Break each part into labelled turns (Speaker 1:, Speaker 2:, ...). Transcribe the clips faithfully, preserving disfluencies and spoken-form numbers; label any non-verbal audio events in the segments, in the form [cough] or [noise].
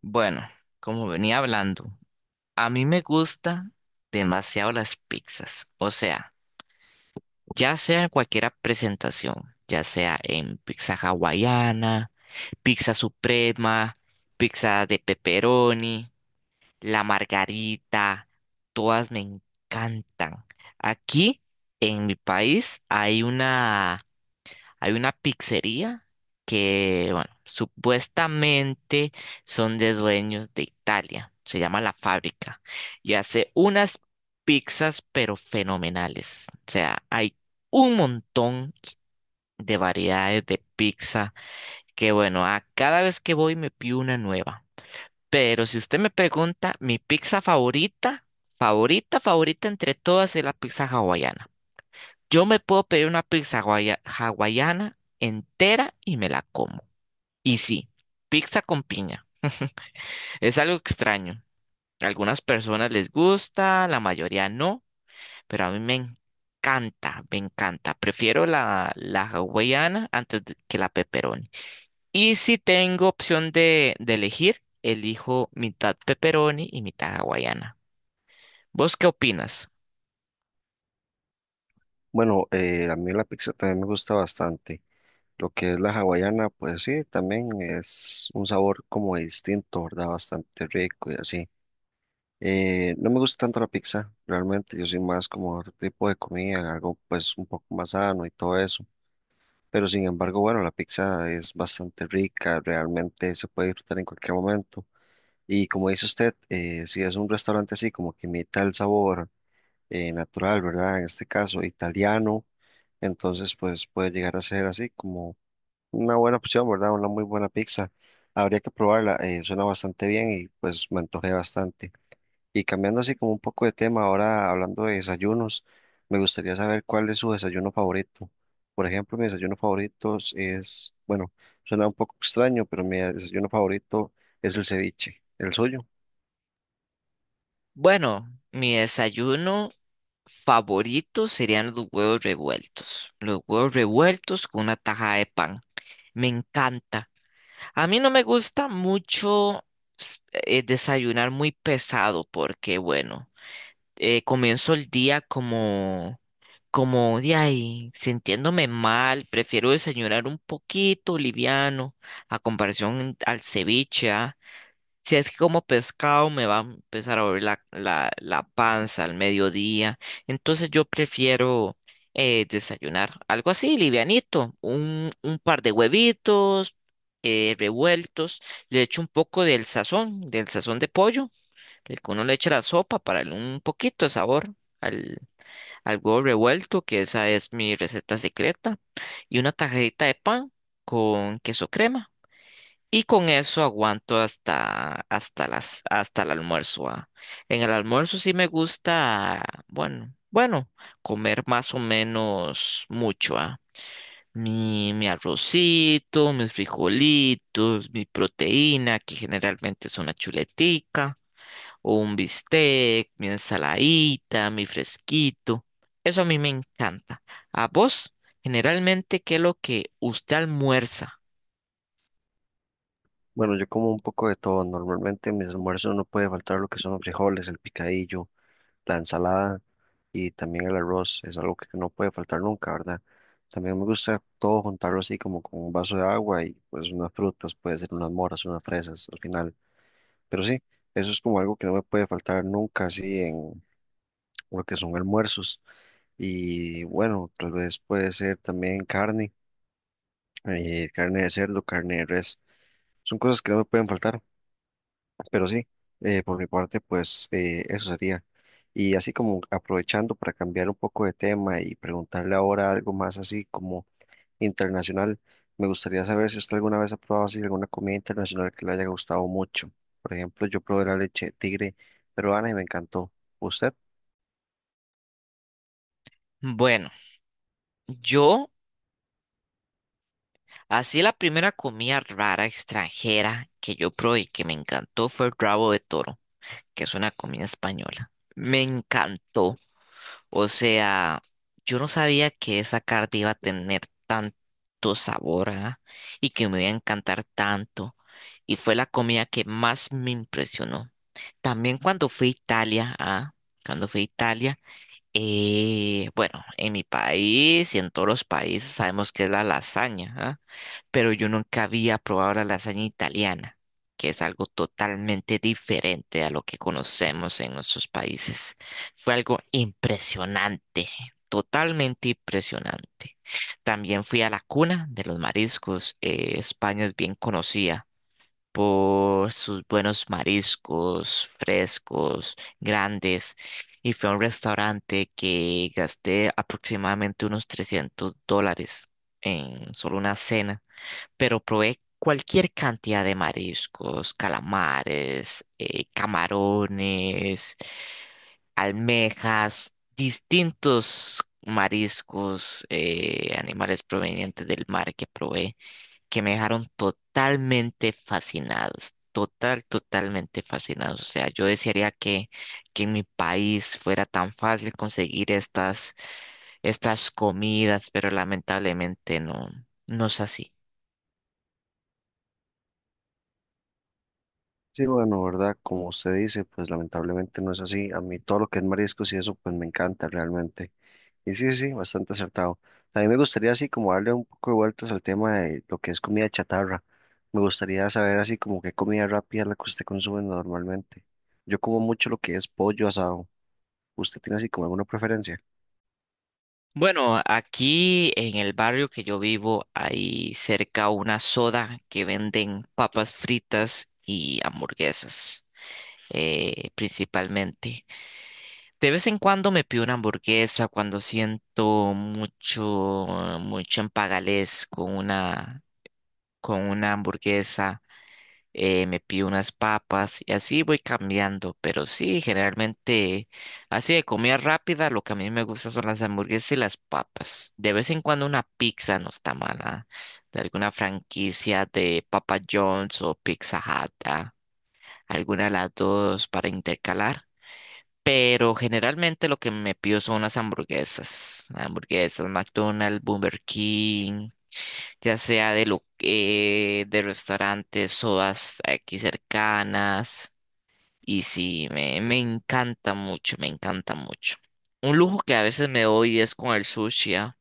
Speaker 1: Bueno, como venía hablando, a mí me gusta demasiado las pizzas. O sea, ya sea en cualquier presentación, ya sea en pizza hawaiana, pizza suprema, pizza de pepperoni, la margarita, todas me encantan. Aquí en mi país hay una Hay una pizzería que, bueno, supuestamente son de dueños de Italia. Se llama La Fábrica y hace unas pizzas pero fenomenales. O sea, hay un montón de variedades de pizza que, bueno, a cada vez que voy me pido una nueva. Pero si usted me pregunta, mi pizza favorita, favorita, favorita entre todas es la pizza hawaiana. Yo me puedo pedir una pizza hawai- hawaiana entera y me la como. Y sí, pizza con piña. [laughs] Es algo extraño. A algunas personas les gusta, la mayoría no, pero a mí me encanta, me encanta. Prefiero la, la hawaiana antes de- que la pepperoni. Y si tengo opción de, de elegir, elijo mitad pepperoni y mitad hawaiana. ¿Vos qué opinas?
Speaker 2: Bueno, eh, a mí la pizza también me gusta bastante. Lo que es la hawaiana, pues sí, también es un sabor como distinto, ¿verdad? Bastante rico y así. Eh, no me gusta tanto la pizza, realmente. Yo soy más como otro tipo de comida, algo pues un poco más sano y todo eso. Pero sin embargo, bueno, la pizza es bastante rica, realmente se puede disfrutar en cualquier momento. Y como dice usted, eh, si es un restaurante así como que imita el sabor eh, natural, ¿verdad? En este caso, italiano entonces, pues puede llegar a ser así como una buena opción, ¿verdad? Una muy buena pizza. Habría que probarla, eh, suena bastante bien y pues me antojé bastante. Y cambiando así como un poco de tema, ahora hablando de desayunos, me gustaría saber cuál es su desayuno favorito. Por ejemplo, mi desayuno favorito es, bueno, suena un poco extraño, pero mi desayuno favorito es el ceviche, el suyo.
Speaker 1: Bueno, mi desayuno favorito serían los huevos revueltos. Los huevos revueltos con una taja de pan. Me encanta. A mí no me gusta mucho s- eh, desayunar muy pesado porque, bueno, eh, comienzo el día como, como de ahí, sintiéndome mal. Prefiero desayunar un poquito liviano a comparación al ceviche, ¿ah? Si es que como pescado me va a empezar a doler la, la, la panza al mediodía. Entonces yo prefiero eh, desayunar algo así, livianito. Un, un par de huevitos eh, revueltos, le echo un poco del sazón, del sazón de pollo, el que uno le echa a la sopa para darle un poquito de sabor al, al huevo revuelto, que esa es mi receta secreta, y una tajadita de pan con queso crema. Y con eso aguanto hasta, hasta las, hasta el almuerzo, ah. En el almuerzo sí me gusta, bueno, bueno, comer más o menos mucho, ah. Mi, mi arrocito, mis frijolitos, mi proteína, que generalmente es una chuletica, o un bistec, mi ensaladita, mi fresquito. Eso a mí me encanta. ¿A vos, generalmente, qué es lo que usted almuerza?
Speaker 2: Bueno, yo como un poco de todo. Normalmente en mis almuerzos no puede faltar lo que son los frijoles, el picadillo, la ensalada y también el arroz es algo que no puede faltar nunca, ¿verdad? También me gusta todo juntarlo así como con un vaso de agua y pues unas frutas, puede ser unas moras, unas fresas al final. Pero sí, eso es como algo que no me puede faltar nunca así en lo que son almuerzos. Y bueno, tal vez puede ser también carne, eh, carne de cerdo, carne de res. Son cosas que no me pueden faltar. Pero sí, eh, por mi parte, pues eh, eso sería. Y así como aprovechando para cambiar un poco de tema y preguntarle ahora algo más así como internacional, me gustaría saber si usted alguna vez ha probado así alguna comida internacional que le haya gustado mucho. Por ejemplo, yo probé la leche de tigre peruana y me encantó. ¿Usted?
Speaker 1: Bueno, yo, así la primera comida rara extranjera que yo probé y que me encantó fue el rabo de toro, que es una comida española. Me encantó. O sea, yo no sabía que esa carta iba a tener tanto sabor, ah, y que me iba a encantar tanto. Y fue la comida que más me impresionó. También cuando fui a Italia, ah, cuando fui a Italia. Eh, bueno, en mi país y en todos los países sabemos que es la lasaña, ¿ah? Pero yo nunca había probado la lasaña italiana, que es algo totalmente diferente a lo que conocemos en nuestros países. Fue algo impresionante, totalmente impresionante. También fui a la cuna de los mariscos. eh, España es bien conocida por sus buenos mariscos frescos, grandes, y fue a un restaurante que gasté aproximadamente unos trescientos dólares en solo una cena, pero probé cualquier cantidad de mariscos, calamares, eh, camarones, almejas, distintos mariscos, eh, animales provenientes del mar que probé que me dejaron totalmente fascinados, total, totalmente fascinados. O sea, yo desearía que, que en mi país fuera tan fácil conseguir estas, estas comidas, pero lamentablemente no, no es así.
Speaker 2: Sí, bueno, ¿verdad? Como usted dice, pues lamentablemente no es así. A mí todo lo que es mariscos y eso, pues me encanta realmente. Y sí, sí, bastante acertado. A mí me gustaría así como darle un poco de vueltas al tema de lo que es comida chatarra. Me gustaría saber así como qué comida rápida es la que usted consume normalmente. Yo como mucho lo que es pollo asado. ¿Usted tiene así como alguna preferencia?
Speaker 1: Bueno, aquí en el barrio que yo vivo hay cerca una soda que venden papas fritas y hamburguesas, eh, principalmente. De vez en cuando me pido una hamburguesa cuando siento mucho, mucho empalaguez con una, con una hamburguesa. Eh, me pido unas papas y así voy cambiando. Pero sí, generalmente así de comida rápida, lo que a mí me gusta son las hamburguesas y las papas. De vez en cuando una pizza no está mala. De alguna franquicia de Papa John's o Pizza Hut, ah, alguna de las dos para intercalar. Pero generalmente lo que me pido son las hamburguesas. Hamburguesas, McDonald's, Burger King, ya sea de, lo, eh, de restaurantes, sodas aquí cercanas. Y sí, me, me encanta mucho, me encanta mucho. Un lujo que a veces me doy es con el sushi, ¿ah?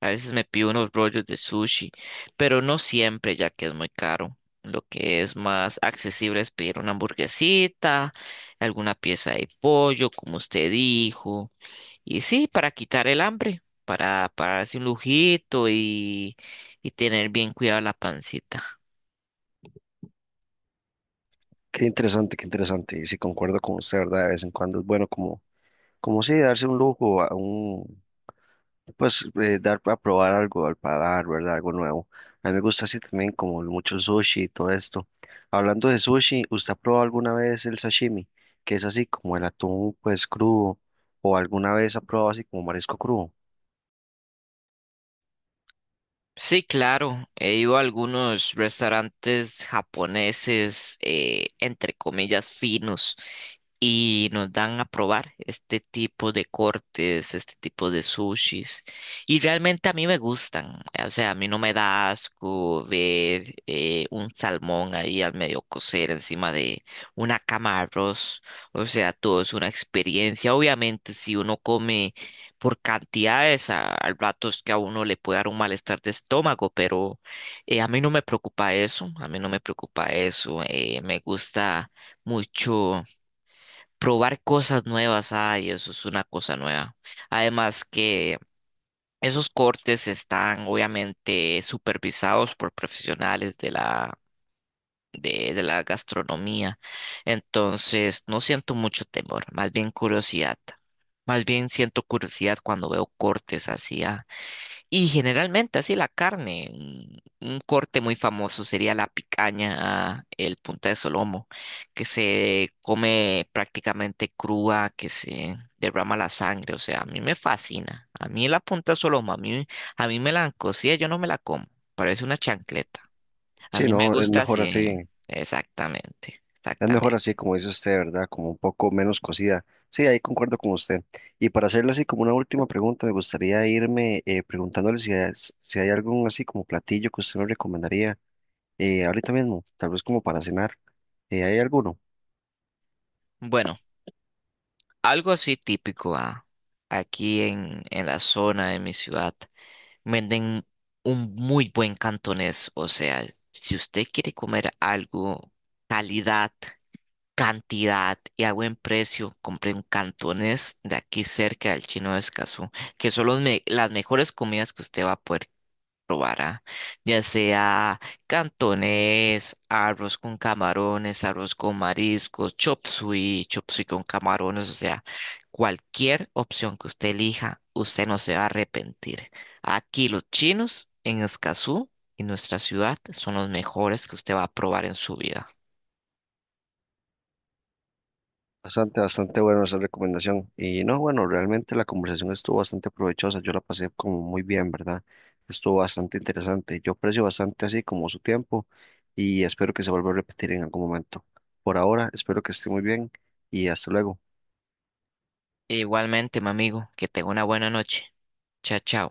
Speaker 1: A veces me pido unos rollos de sushi, pero no siempre, ya que es muy caro. Lo que es más accesible es pedir una hamburguesita, alguna pieza de pollo, como usted dijo. Y sí, para quitar el hambre, para, para darse un lujito y, y tener bien cuidada la pancita.
Speaker 2: Qué interesante, qué interesante. Y sí, concuerdo con usted, ¿verdad? De vez en cuando es bueno como, como sí, darse un lujo, a un, pues eh, dar a probar algo al paladar, ¿verdad? Algo nuevo. A mí me gusta así también como mucho sushi y todo esto. Hablando de sushi, ¿usted ha probado alguna vez el sashimi? Que es así como el atún pues crudo o alguna vez ha probado así como marisco crudo.
Speaker 1: Sí, claro, he ido a algunos restaurantes japoneses, eh, entre comillas, finos, y nos dan a probar este tipo de cortes, este tipo de sushis. Y realmente a mí me gustan, o sea, a mí no me da asco ver eh, un salmón ahí al medio cocer encima de una cama de arroz. O sea, todo es una experiencia. Obviamente, si uno come por cantidades, a, al rato es que a uno le puede dar un malestar de estómago, pero eh, a mí no me preocupa eso, a mí no me preocupa eso. Eh, me gusta mucho probar cosas nuevas. Ay, eso es una cosa nueva. Además que esos cortes están obviamente supervisados por profesionales de la, de, de la gastronomía, entonces no siento mucho temor, más bien curiosidad. Más bien siento curiosidad cuando veo cortes así, ah, y generalmente así la carne, un, un corte muy famoso sería la picaña, el punta de solomo, que se come prácticamente cruda, que se derrama la sangre, o sea, a mí me fascina. A mí la punta de solomo, a mí, a mí me la han cocido, yo no me la como, parece una chancleta. A
Speaker 2: Sí,
Speaker 1: mí me
Speaker 2: no, es
Speaker 1: gusta
Speaker 2: mejor así.
Speaker 1: así, exactamente,
Speaker 2: Es mejor
Speaker 1: exactamente.
Speaker 2: así como dice usted, ¿verdad? Como un poco menos cocida. Sí, ahí concuerdo con usted. Y para hacerle así como una última pregunta, me gustaría irme eh, preguntándole si hay, si hay algún así como platillo que usted me recomendaría eh, ahorita mismo, tal vez como para cenar. Eh, hay alguno.
Speaker 1: Bueno. Algo así típico, ah, aquí en, en la zona de mi ciudad venden un muy buen cantonés. O sea, si usted quiere comer algo, calidad, cantidad y a buen precio, compre un cantonés de aquí cerca del Chino de Escazú, que son los me- las mejores comidas que usted va a poder probara, ya sea cantonés, arroz con camarones, arroz con mariscos, chop suey, chop suey con camarones, o sea, cualquier opción que usted elija, usted no se va a arrepentir. Aquí los chinos en Escazú y nuestra ciudad son los mejores que usted va a probar en su vida.
Speaker 2: Bastante, bastante bueno esa recomendación. Y no, bueno, realmente la conversación estuvo bastante provechosa. Yo la pasé como muy bien, ¿verdad? Estuvo bastante interesante. Yo aprecio bastante así como su tiempo y espero que se vuelva a repetir en algún momento. Por ahora, espero que esté muy bien y hasta luego.
Speaker 1: E Igualmente, mi amigo, que tenga una buena noche. Chao, chao.